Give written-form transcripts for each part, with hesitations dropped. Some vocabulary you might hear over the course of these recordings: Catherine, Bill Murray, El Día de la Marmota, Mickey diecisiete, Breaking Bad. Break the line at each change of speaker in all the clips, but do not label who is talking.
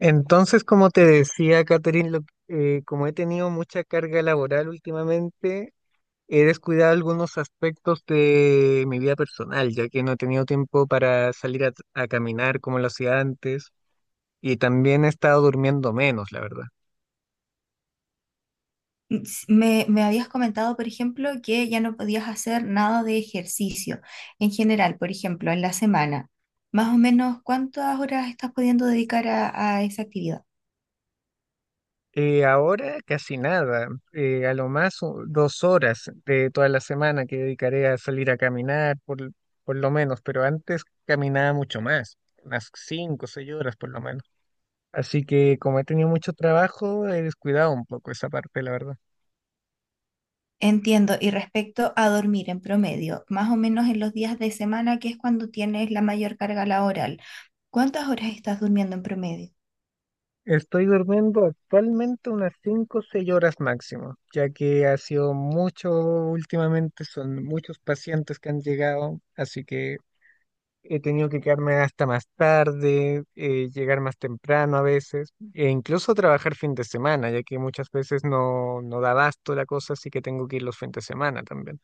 Entonces, como te decía, Catherine, como he tenido mucha carga laboral últimamente, he descuidado algunos aspectos de mi vida personal, ya que no he tenido tiempo para salir a caminar como lo hacía antes, y también he estado durmiendo menos, la verdad.
Me habías comentado, por ejemplo, que ya no podías hacer nada de ejercicio en general, por ejemplo, en la semana. Más o menos, ¿cuántas horas estás pudiendo dedicar a esa actividad?
Ahora casi nada, a lo más u- dos horas de toda la semana que dedicaré a salir a caminar, por lo menos, pero antes caminaba mucho más, unas 5 o 6 horas por lo menos. Así que como he tenido mucho trabajo, he descuidado un poco esa parte, la verdad.
Entiendo. Y respecto a dormir en promedio, más o menos en los días de semana, que es cuando tienes la mayor carga laboral, ¿cuántas horas estás durmiendo en promedio?
Estoy durmiendo actualmente unas 5 o 6 horas máximo, ya que ha sido mucho últimamente, son muchos pacientes que han llegado, así que he tenido que quedarme hasta más tarde, llegar más temprano a veces, e incluso trabajar fin de semana, ya que muchas veces no da abasto la cosa, así que tengo que ir los fines de semana también.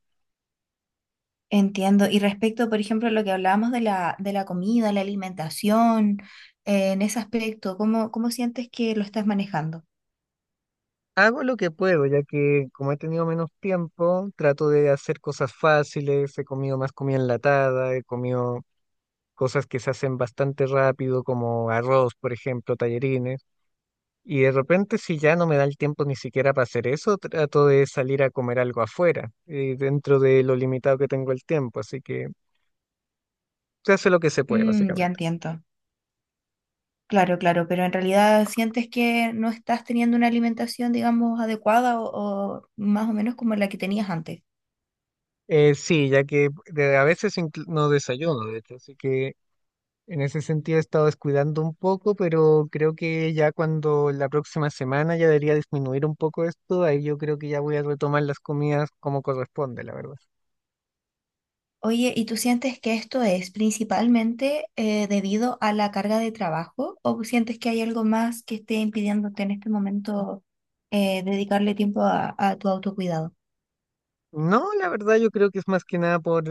Entiendo. Y respecto, por ejemplo, a lo que hablábamos de la comida, la alimentación, en ese aspecto, cómo sientes que lo estás manejando?
Hago lo que puedo, ya que como he tenido menos tiempo, trato de hacer cosas fáciles, he comido más comida enlatada, he comido cosas que se hacen bastante rápido, como arroz, por ejemplo, tallarines, y de repente si ya no me da el tiempo ni siquiera para hacer eso, trato de salir a comer algo afuera, dentro de lo limitado que tengo el tiempo, así que se hace lo que se puede,
Mm, ya
básicamente.
entiendo. Claro, claro, pero en realidad sientes que no estás teniendo una alimentación, digamos, adecuada o más o menos como la que tenías antes.
Sí, ya que no desayuno, de hecho, así que en ese sentido he estado descuidando un poco, pero creo que ya cuando la próxima semana ya debería disminuir un poco esto, ahí yo creo que ya voy a retomar las comidas como corresponde, la verdad.
Oye, ¿y tú sientes que esto es principalmente debido a la carga de trabajo o sientes que hay algo más que esté impidiéndote en este momento dedicarle tiempo a tu autocuidado?
No, la verdad yo creo que es más que nada por,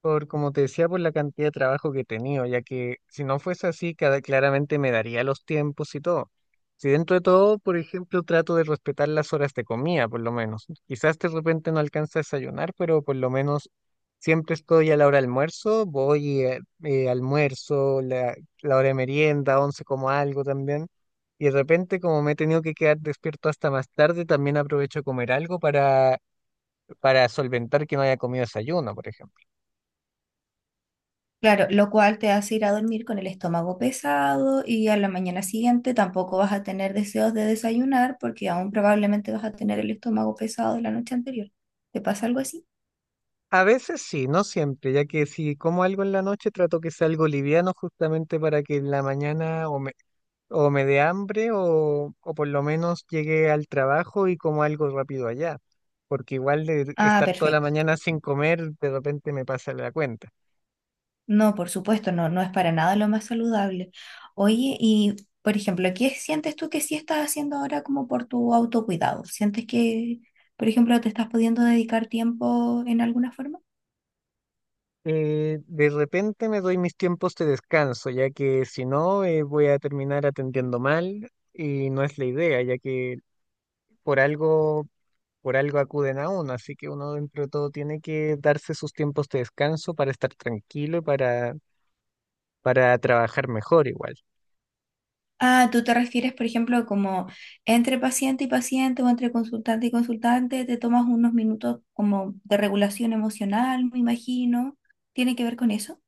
por, como te decía, por la cantidad de trabajo que he tenido, ya que si no fuese así, cada, claramente me daría los tiempos y todo. Si dentro de todo, por ejemplo, trato de respetar las horas de comida, por lo menos. Quizás de repente no alcanza a desayunar, pero por lo menos siempre estoy a la hora de almuerzo, voy almuerzo, la hora de merienda, once como algo también. Y de repente, como me he tenido que quedar despierto hasta más tarde, también aprovecho a comer algo para solventar que no haya comido desayuno, por ejemplo.
Claro, lo cual te hace ir a dormir con el estómago pesado y a la mañana siguiente tampoco vas a tener deseos de desayunar porque aún probablemente vas a tener el estómago pesado de la noche anterior. ¿Te pasa algo así?
A veces sí, no siempre, ya que si como algo en la noche trato que sea algo liviano justamente para que en la mañana o me dé hambre o por lo menos llegue al trabajo y como algo rápido allá, porque igual de
Ah,
estar toda la
perfecto.
mañana sin comer de repente me pasa la cuenta.
No, por supuesto, no, no es para nada lo más saludable. Oye, y por ejemplo, ¿qué sientes tú que sí estás haciendo ahora como por tu autocuidado? ¿Sientes que, por ejemplo, te estás pudiendo dedicar tiempo en alguna forma?
De repente me doy mis tiempos de descanso, ya que si no voy a terminar atendiendo mal y no es la idea, ya que por algo por algo acuden a uno, así que uno dentro de todo tiene que darse sus tiempos de descanso para estar tranquilo para trabajar mejor igual.
Ah, tú te refieres, por ejemplo, como entre paciente y paciente o entre consultante y consultante, te tomas unos minutos como de regulación emocional, me imagino. ¿Tiene que ver con eso?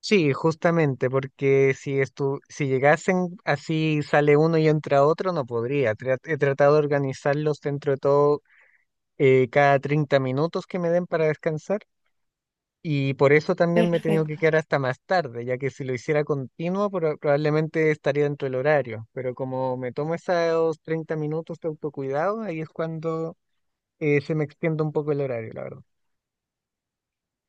Sí, justamente, porque si llegasen así sale uno y entra otro, no podría. He tratado de organizarlos dentro de todo cada 30 minutos que me den para descansar. Y por eso también me he tenido
Perfecto.
que quedar hasta más tarde, ya que si lo hiciera continuo, probablemente estaría dentro del horario. Pero como me tomo esos 30 minutos de autocuidado, ahí es cuando se me extiende un poco el horario, la verdad.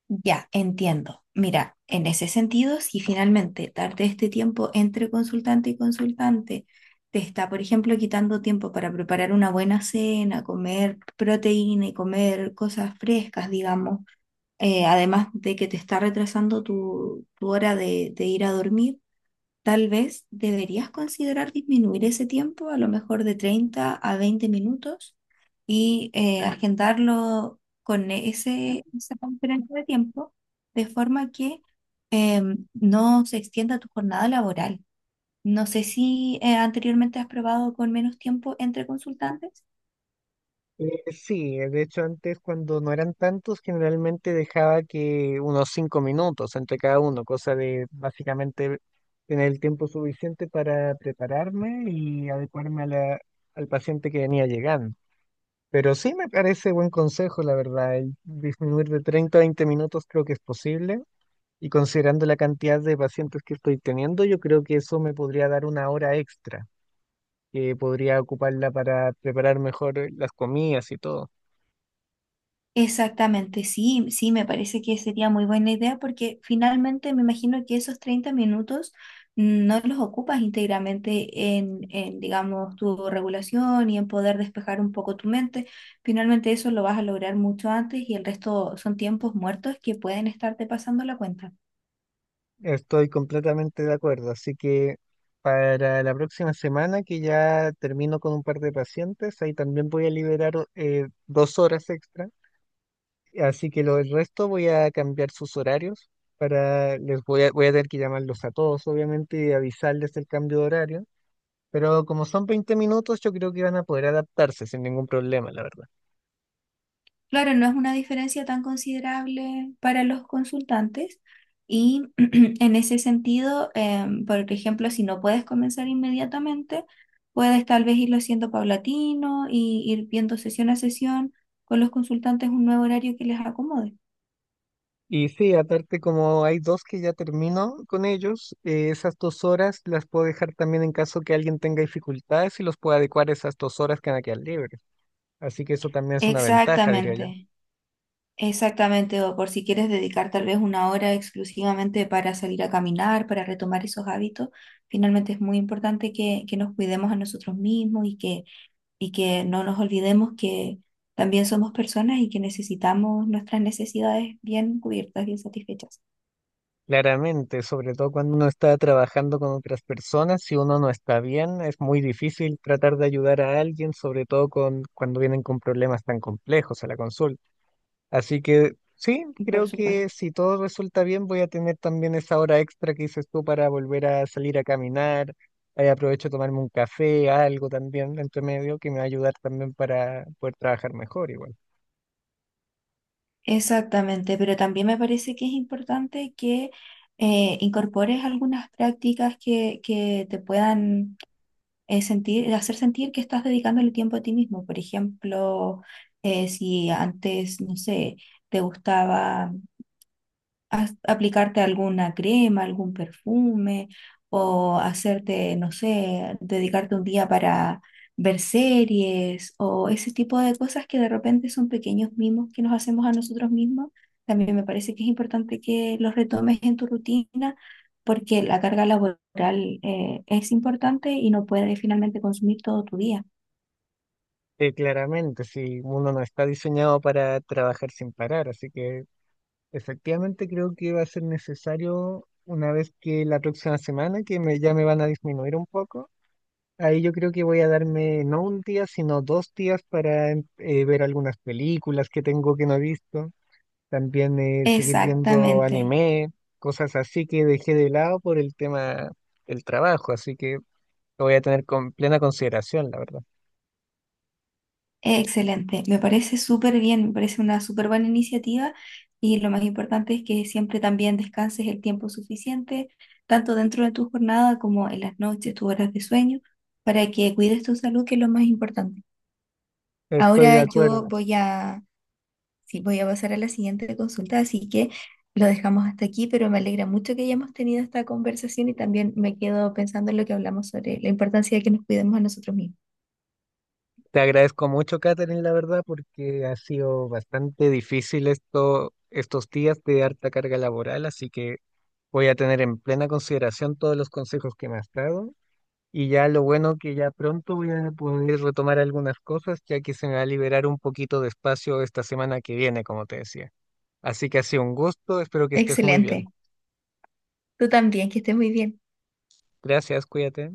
Ya, entiendo. Mira, en ese sentido, si finalmente darte este tiempo entre consultante y consultante te está, por ejemplo, quitando tiempo para preparar una buena cena, comer proteína y comer cosas frescas, digamos, además de que te está retrasando tu hora de ir a dormir, tal vez deberías considerar disminuir ese tiempo, a lo mejor de 30 a 20 minutos, y agendarlo con ese, esa conferencia de tiempo, de forma que eh, no se extienda tu jornada laboral. No sé si anteriormente has probado con menos tiempo entre consultantes.
Sí, de hecho antes cuando no eran tantos, generalmente dejaba que unos 5 minutos entre cada uno, cosa de básicamente tener el tiempo suficiente para prepararme y adecuarme al paciente que venía llegando. Pero sí me parece buen consejo, la verdad. El disminuir de 30 a 20 minutos creo que es posible. Y considerando la cantidad de pacientes que estoy teniendo, yo creo que eso me podría dar una hora extra, que podría ocuparla para preparar mejor las comidas y todo.
Exactamente, sí, sí, me parece que sería muy buena idea porque finalmente me imagino que esos 30 minutos no los ocupas íntegramente digamos, tu regulación y en poder despejar un poco tu mente. Finalmente eso lo vas a lograr mucho antes y el resto son tiempos muertos que pueden estarte pasando la cuenta.
Estoy completamente de acuerdo. Así que para la próxima semana, que ya termino con un par de pacientes, ahí también voy a liberar dos horas extra. Así que lo del resto voy a cambiar sus horarios, para voy a tener que llamarlos a todos, obviamente, y avisarles el cambio de horario. Pero como son 20 minutos, yo creo que van a poder adaptarse sin ningún problema, la verdad.
Claro, no es una diferencia tan considerable para los consultantes y en ese sentido, por ejemplo, si no puedes comenzar inmediatamente, puedes tal vez irlo haciendo paulatino y ir viendo sesión a sesión con los consultantes un nuevo horario que les acomode.
Y sí, aparte como hay dos que ya termino con ellos, esas dos horas las puedo dejar también en caso que alguien tenga dificultades y los puedo adecuar a esas dos horas que van a quedar libres. Así que eso también es una ventaja, diría yo.
Exactamente, exactamente, o por si quieres dedicar tal vez una hora exclusivamente para salir a caminar, para retomar esos hábitos, finalmente es muy importante que nos cuidemos a nosotros mismos y que no nos olvidemos que también somos personas y que necesitamos nuestras necesidades bien cubiertas, bien satisfechas.
Claramente, sobre todo cuando uno está trabajando con otras personas, si uno no está bien, es muy difícil tratar de ayudar a alguien, sobre todo cuando vienen con problemas tan complejos a la consulta. Así que sí,
Por
creo que
supuesto.
si todo resulta bien, voy a tener también esa hora extra que dices tú para volver a salir a caminar. Aprovecho de tomarme un café, algo también entre medio que me va a ayudar también para poder trabajar mejor igual.
Exactamente, pero también me parece que es importante que incorpores algunas prácticas que te puedan sentir, hacer sentir que estás dedicándole tiempo a ti mismo. Por ejemplo, si antes, no sé, te gustaba aplicarte alguna crema, algún perfume, o hacerte, no sé, dedicarte un día para ver series, o ese tipo de cosas que de repente son pequeños mimos que nos hacemos a nosotros mismos. También me parece que es importante que los retomes en tu rutina porque la carga laboral es importante y no puedes finalmente consumir todo tu día.
Claramente, si uno no está diseñado para trabajar sin parar, así que efectivamente, creo que va a ser necesario una vez que la próxima semana, ya me van a disminuir un poco, ahí yo creo que voy a darme no un día, sino dos días para ver algunas películas que tengo que no he visto, también seguir viendo
Exactamente.
anime, cosas así que dejé de lado por el tema del trabajo, así que lo voy a tener con plena consideración, la verdad.
Excelente, me parece súper bien, me parece una súper buena iniciativa y lo más importante es que siempre también descanses el tiempo suficiente, tanto dentro de tu jornada como en las noches, tus horas de sueño, para que cuides tu salud, que es lo más importante.
Estoy de
Ahora yo
acuerdo.
voy a, sí, voy a pasar a la siguiente consulta, así que lo dejamos hasta aquí, pero me alegra mucho que hayamos tenido esta conversación y también me quedo pensando en lo que hablamos sobre la importancia de que nos cuidemos a nosotros mismos.
Te agradezco mucho, Catherine, la verdad, porque ha sido bastante difícil esto, estos días de harta carga laboral, así que voy a tener en plena consideración todos los consejos que me has dado. Y ya lo bueno que ya pronto voy a poder retomar algunas cosas, ya que se me va a liberar un poquito de espacio esta semana que viene, como te decía. Así que ha sido un gusto, espero que estés muy bien.
Excelente, tú también, que estés muy bien.
Gracias, cuídate.